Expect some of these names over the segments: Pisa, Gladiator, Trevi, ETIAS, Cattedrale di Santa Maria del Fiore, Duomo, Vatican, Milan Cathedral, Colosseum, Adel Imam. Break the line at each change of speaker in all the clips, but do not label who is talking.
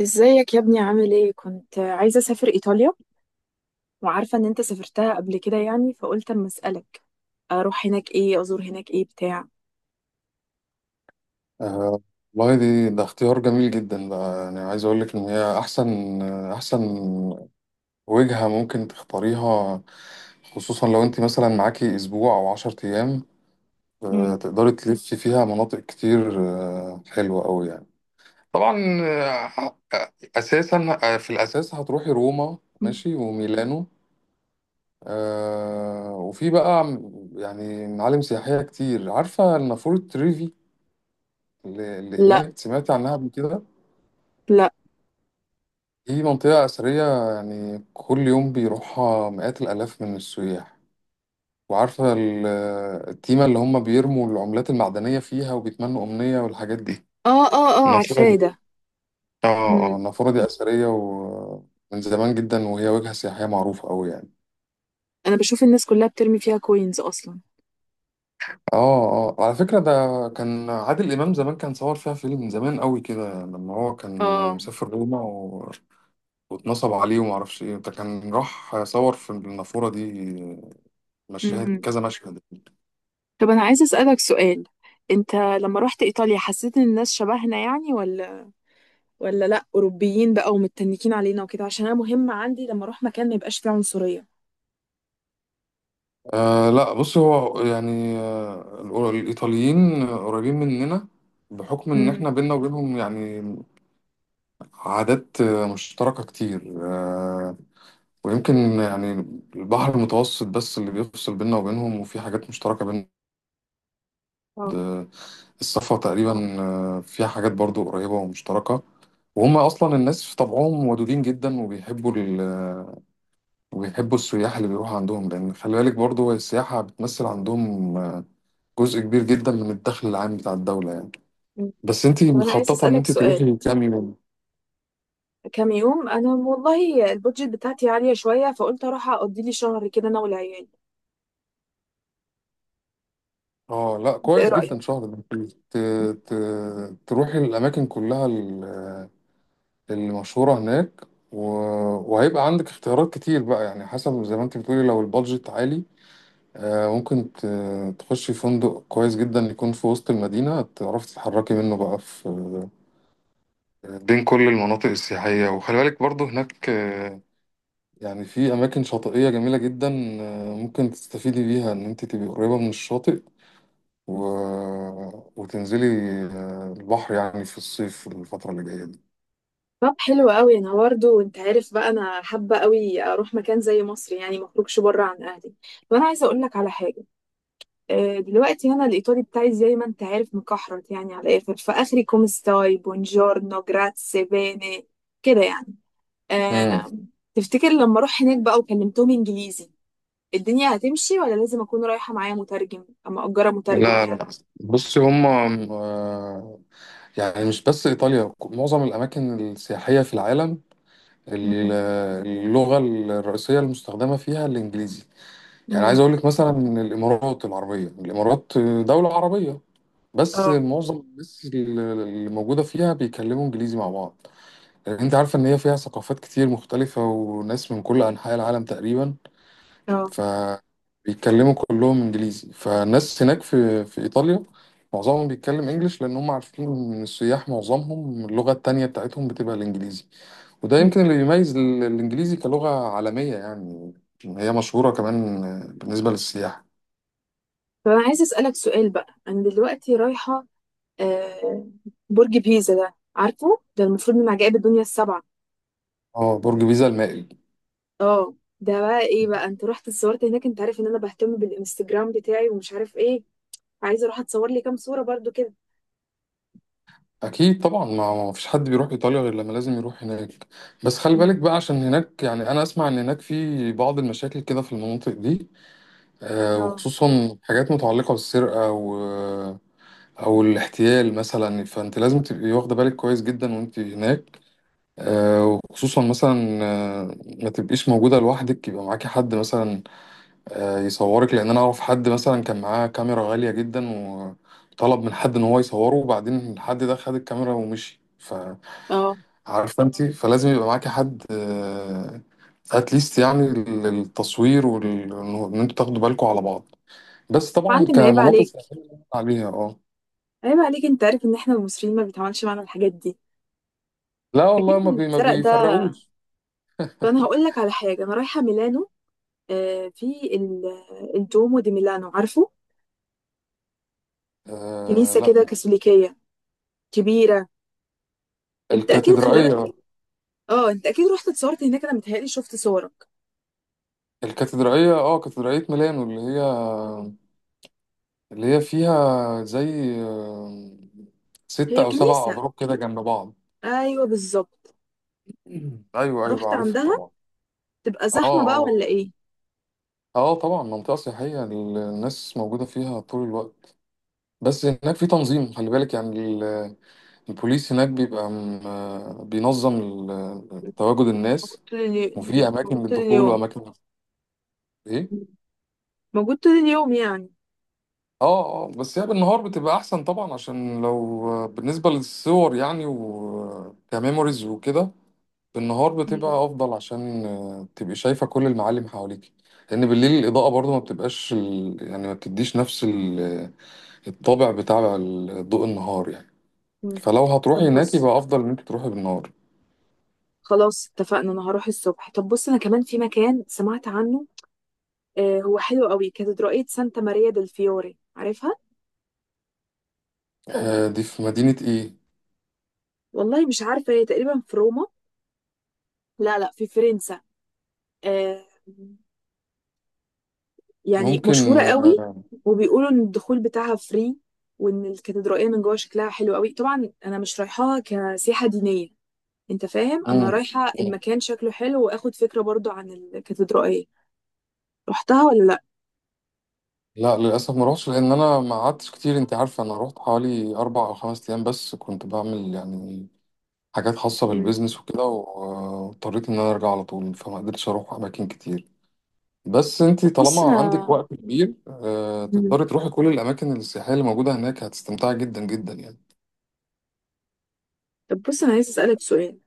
ازيك يا ابني؟ عامل ايه؟ كنت عايزة اسافر ايطاليا، وعارفة ان انت سافرتها قبل كده يعني، فقلت اما اسألك، اروح هناك ايه؟ ازور هناك ايه؟ بتاع.
آه، والله، دي اختيار جميل جدا بقى، يعني عايز اقول لك ان هي احسن وجهة ممكن تختاريها، خصوصا لو انت مثلا معاكي اسبوع او 10 أيام.
مم.
تقدري تلفي فيها مناطق كتير، حلوة قوي يعني. طبعا. آه، اساسا آه، في الاساس هتروحي روما ماشي وميلانو. وفي بقى يعني معالم سياحية كتير. عارفة النافورة تريفي اللي
لا،
هناك، سمعتي عنها قبل كده؟
لا.
دي منطقة أثرية، يعني كل يوم بيروحها مئات الآلاف من السياح. وعارفة التيمة اللي هم بيرموا العملات المعدنية فيها وبيتمنوا أمنية والحاجات دي.
اه اه اه،
النافورة
عارفاه
دي.
ده.
اه اه،
مم.
النافورة دي أثرية ومن زمان جدا، وهي وجهة سياحية معروفة أوي يعني.
انا بشوف الناس كلها بترمي فيها كوينز اصلا.
اه اه، على فكرة ده كان عادل إمام زمان كان صور فيها فيلم من زمان أوي كده لما هو كان
اه.
مسافر روما واتنصب عليه ومعرفش ايه، ده كان راح صور في النافورة دي مشاهد،
مم.
كذا مشهد.
طب أنا عايزة أسألك سؤال، أنت لما رحت إيطاليا حسيت إن الناس شبهنا يعني، ولا لأ أوروبيين بقى ومتنكين علينا وكده؟ عشان أنا مهم عندي لما أروح مكان ما يبقاش فيه عنصرية.
لا، بص هو يعني الإيطاليين قريبين مننا، بحكم إن
امم.
إحنا بينا وبينهم يعني عادات مشتركة كتير ويمكن يعني البحر المتوسط بس اللي بيفصل بينا وبينهم، وفي حاجات مشتركة بين
اه.
الصفا تقريبا، فيها حاجات برضو قريبة ومشتركة. وهم أصلا الناس في طبعهم ودودين جدا، وبيحبوا وبيحبوا السياح اللي بيروحوا عندهم، لأن خلي بالك برضو السياحة بتمثل عندهم جزء كبير جدا من الدخل العام بتاع الدولة يعني.
مم.
بس انت
طب أنا عايزة
مخططة ان
أسألك
انت
سؤال،
تروحي كام يوم؟
كام يوم؟ أنا والله البودجت بتاعتي عالية شوية، فقلت أروح أقضي لي شهر كده أنا والعيال.
اه لا،
أنت إيه
كويس جدا،
رأيك؟
شهر. ده انت ت... ت... تروحي الاماكن كلها اللي مشهورة هناك، و... وهيبقى عندك اختيارات كتير بقى، يعني حسب زي ما انت بتقولي، لو البادجت عالي. ممكن تخشي فندق كويس جدا يكون في وسط المدينة، تعرفي تتحركي منه بقى في، بين كل المناطق السياحية. وخلي بالك برضه هناك يعني في أماكن شاطئية جميلة جدا، ممكن تستفيدي بيها إن أنت تبقي قريبة من الشاطئ، و... وتنزلي البحر، يعني في الصيف الفترة اللي جاية دي.
طب حلو قوي. انا برضه انت عارف بقى، انا حابه قوي اروح مكان زي مصر، يعني ما اخرجش بره عن اهلي. وانا عايزه اقول لك على حاجه. دلوقتي انا الايطالي بتاعي زي ما انت عارف مكحرت يعني، على الاخر، فاخري كومستاي، بونجورنو، جراتسي، بيني، كده يعني.
مم.
آه، تفتكر لما اروح هناك بقى وكلمتهم انجليزي الدنيا هتمشي، ولا لازم اكون رايحه معايا مترجم اما اجره مترجم
لا
يعني؟
لا، بصي هم آه، يعني مش بس إيطاليا، معظم الأماكن السياحية في العالم ال-
مم.
اللغة الرئيسية المستخدمة فيها الإنجليزي. يعني عايز
امم.
أقول لك مثلا إن الإمارات العربية، الإمارات دولة عربية، بس
اه.
معظم الناس اللي موجودة فيها بيتكلموا إنجليزي مع بعض، لأن أنت عارفة إن هي فيها ثقافات كتير مختلفة وناس من كل أنحاء العالم تقريبا،
اه.
فبيتكلموا كلهم إنجليزي. فالناس هناك في إيطاليا معظمهم بيتكلم إنجليش، لأن هم عارفين إن السياح معظمهم اللغة التانية بتاعتهم بتبقى الإنجليزي. وده
مم.
يمكن اللي بيميز الإنجليزي كلغة عالمية يعني، هي مشهورة كمان بالنسبة للسياح.
طب انا عايزه اسالك سؤال بقى، انا دلوقتي رايحه آه، برج بيزا، ده عارفه ده؟ المفروض من عجائب الدنيا السبعه.
اه، برج بيزا المائل.
اه، ده بقى ايه بقى؟ انت رحت اتصورت هناك؟ انت عارف ان انا بهتم بالانستجرام بتاعي ومش عارف ايه، عايزه اروح اتصور لي كام صوره برضو كده.
اكيد طبعا، ما فيش حد بيروح ايطاليا غير لما لازم يروح هناك. بس خلي بالك
مم.
بقى، عشان هناك يعني انا اسمع ان هناك في بعض المشاكل كده في المناطق دي،
اه
وخصوصا حاجات متعلقة بالسرقة، و او الاحتيال مثلا، فانت لازم تبقي واخدة بالك كويس جدا وانت هناك. وخصوصا مثلا آه، ما تبقيش موجودة لوحدك، يبقى معاكي حد مثلا يصورك، لان انا اعرف حد مثلا كان معاه كاميرا غالية جدا، و طلب من حد ان هو يصوره، وبعدين الحد ده خد الكاميرا ومشي. ف
اه.
عارفه انت، فلازم يبقى معاكي حد اتليست يعني للتصوير، وان انتوا تاخدوا بالكم على بعض، بس طبعا
معلم، عيب
كمناطق
عليك،
سياحية عليها، اه.
عيب عليك، انت عارف ان احنا المصريين ما بيتعملش معانا الحاجات دي.
لا
اكيد
والله،
اللي
ما
اتسرق ده.
بيفرقوش.
انا هقول لك على حاجه، انا رايحه ميلانو. في ال- الدومو دي ميلانو، عارفه؟ كنيسه
لا،
كده كاثوليكيه كبيره. انت اكيد
الكاتدرائية
خلالك. اه، انت اكيد رحت اتصورت هناك، انا متهيألي شفت صورك.
الكاتدرائية اه كاتدرائية ميلانو اللي هي
مم.
اللي هي فيها زي ستة
هي
أو سبع
كنيسه.
أبراج كده جنب بعض.
ايوه بالظبط.
أيوه أيوه،
رحت
عارفها
عندها؟
طبعا.
تبقى
اه
زحمة بقى ولا
اه
ايه؟
اه، طبعا منطقة سياحية، الناس موجودة فيها طول الوقت، بس هناك في تنظيم. خلي بالك يعني البوليس هناك بيبقى بينظم تواجد
موجود
الناس،
طول
وفي
اليوم؟
اماكن
موجود طول
للدخول
اليوم؟
واماكن. ايه،
موجود طول اليوم يعني؟
اه اه، بس هي بالنهار بتبقى احسن طبعا، عشان لو بالنسبه للصور يعني وكميموريز وكده، بالنهار
مم.
بتبقى افضل عشان تبقي شايفه كل المعالم حواليك، لان بالليل الاضاءه برضو ما بتبقاش يعني ما بتديش نفس الطابع بتاع ضوء النهار يعني.
مم.
فلو هتروحي
طب
هناك
بص،
يبقى افضل ان انت تروحي بالنهار.
خلاص اتفقنا، انا هروح الصبح. طب بص، انا كمان في مكان سمعت عنه، هو حلو قوي، كاتدرائية سانتا ماريا دل فيوري، عارفها؟
دي في مدينة ايه؟
والله مش عارفة، هي تقريبا في روما. لا، لا، في فرنسا. آه يعني
ممكن
مشهورة قوي. وبيقولوا ان الدخول بتاعها فري، وان الكاتدرائية من جوه شكلها حلو قوي. طبعا انا مش رايحاها كسياحة دينية، انت فاهم،
مم.
انا رايحه
مم.
المكان شكله حلو واخد فكره برضو عن الكاتدرائيه. رحتها ولا لا؟
لا، للأسف ما روحتش، لأن أنا ما قعدتش كتير، أنت عارفة أنا روحت حوالي 4 أو 5 أيام بس، كنت بعمل يعني حاجات خاصة
مم.
بالبيزنس وكده، واضطريت إن أنا أرجع على طول، فما قدرتش أروح أماكن كتير. بس أنت
بص
طالما عندك
انا.
وقت كبير،
مم.
تقدري تروحي كل الأماكن السياحية اللي موجودة هناك، هتستمتعي جدا جدا يعني.
طب بص، انا عايزه اسالك سؤال.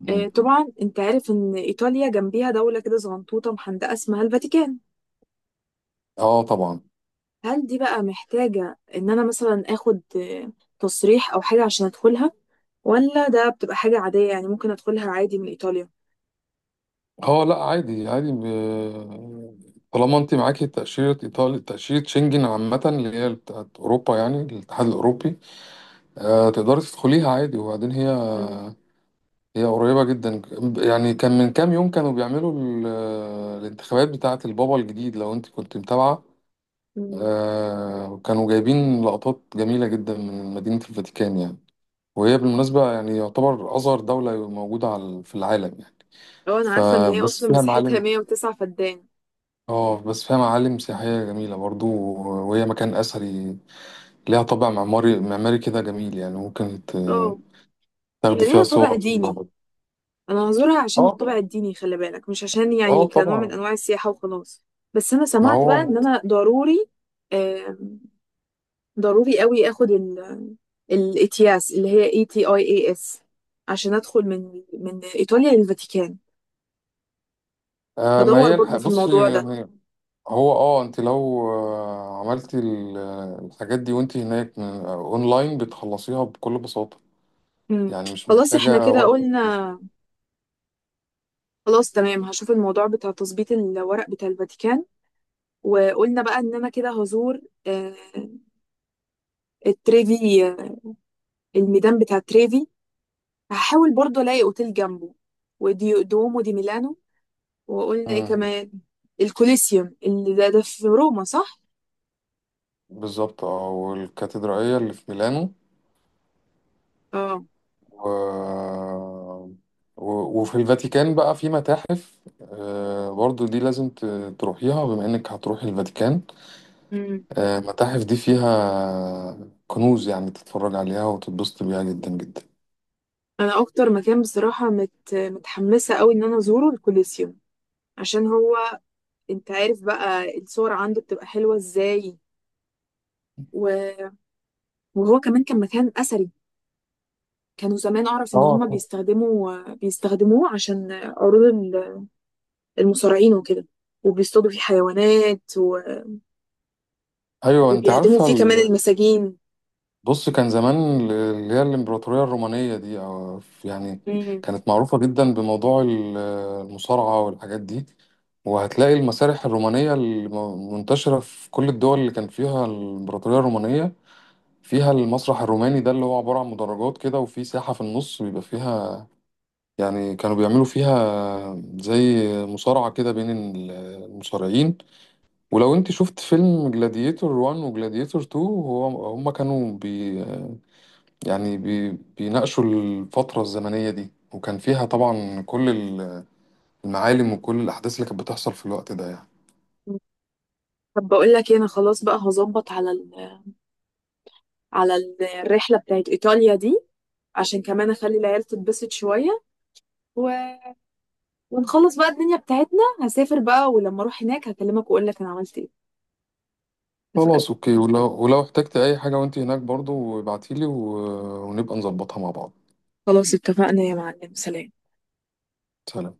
مم.
طبعا انت عارف ان ايطاليا جنبيها دوله كده صغنطوطه محندقه اسمها الفاتيكان،
اه طبعا.
هل دي بقى محتاجه ان انا مثلا اخد تصريح او حاجه عشان ادخلها، ولا ده بتبقى حاجه عاديه يعني ممكن ادخلها عادي من ايطاليا؟
اه لا، عادي عادي طالما انت معاكي تأشيرة ايطالي، تأشيرة شنجن عامة اللي هي بتاعت اوروبا، يعني الاتحاد الاوروبي، تقدري تدخليها عادي. وبعدين هي
مم.
هي قريبة جدا، يعني كان من كام يوم كانوا بيعملوا الانتخابات بتاعة البابا الجديد، لو انت كنت متابعة.
مم.
كانوا جايبين لقطات جميلة جدا من مدينة الفاتيكان يعني. وهي بالمناسبة يعني يعتبر أصغر دولة موجودة في العالم يعني.
اه، انا عارفه ان هي
فبس
اصلا
فيها
مساحتها
معالم
109 فدان.
اه بس فيها معالم سياحية جميلة برضو، وهي مكان أثري، ليها طابع معماري كده جميل، يعني ممكن
اه. هي
تاخدي فيها
ليها طابع
صور.
ديني، انا هزورها عشان الطابع
اه
الديني، خلي بالك، مش عشان يعني
اه
كنوع من
طبعا.
انواع السياحه وخلاص. بس انا
ما
سمعت بقى ان
هو
انا ضروري، آه ضروري قوي اخد الاتياس، اللي هي ETIAS، عشان ادخل من ايطاليا للفاتيكان.
ما
هدور
هي
برضو في الموضوع
بصي
ده.
يعني، هو انت لو عملتي الحاجات دي وانت هناك، اونلاين بتخلصيها بكل بساطة،
مم.
يعني مش
خلاص احنا
محتاجة
كده
وقت كتير.
قلنا، خلاص تمام، هشوف الموضوع بتاع تظبيط الورق بتاع الفاتيكان، وقلنا بقى ان انا كده هزور آه التريفي، الميدان بتاع تريفي، هحاول برضو الاقي اوتيل جنبه، ودي دومو دي ميلانو. وقلنا ايه
مم،
كمان؟ الكوليسيوم، اللي ده في روما، صح؟
بالظبط، اه، والكاتدرائية اللي في ميلانو،
اه.
و... وفي الفاتيكان بقى في متاحف، برضو دي لازم تروحيها، بما انك هتروحي الفاتيكان.
امم.
المتاحف دي فيها كنوز، يعني تتفرج عليها وتتبسط بيها جدا جدا.
انا اكتر مكان بصراحه متحمسه قوي ان انا ازوره الكوليسيوم، عشان هو، انت عارف بقى الصور عنده بتبقى حلوه ازاي. و- وهو كمان كان مكان اثري، كانوا زمان، اعرف ان
اه
هما
طب،
بيستخدموه عشان عروض المصارعين وكده، وبيصطادوا فيه حيوانات، و-
ايوه انت
وبيعدموا
عارفه
فيه كمان المساجين.
بص، كان زمان اللي هي الامبراطوريه الرومانيه دي، أو يعني
مم.
كانت معروفه جدا بموضوع المصارعه والحاجات دي. وهتلاقي المسارح الرومانيه المنتشره في كل الدول اللي كان فيها الامبراطوريه الرومانيه، فيها المسرح الروماني ده اللي هو عبارة عن مدرجات كده، وفي ساحة في النص بيبقى فيها، يعني كانوا بيعملوا فيها زي مصارعة كده بين المصارعين. ولو انت شفت فيلم جلاديتور 1 وجلاديتور 2، هو هما كانوا يعني بيناقشوا الفترة الزمنية دي، وكان فيها طبعا كل المعالم وكل الأحداث اللي كانت بتحصل في الوقت ده يعني.
طب بقول لك إيه، انا خلاص بقى هظبط على الرحله بتاعت ايطاليا دي، عشان كمان اخلي العيال تتبسط شويه. و... ونخلص بقى الدنيا بتاعتنا. هسافر بقى، ولما اروح هناك هكلمك واقول لك انا عملت ايه. اتفقنا.
خلاص اوكي، ولو احتجت اي حاجة وانت هناك برضو ابعتيلي، ونبقى نظبطها مع بعض.
خلاص اتفقنا يا معلم، سلام.
سلام.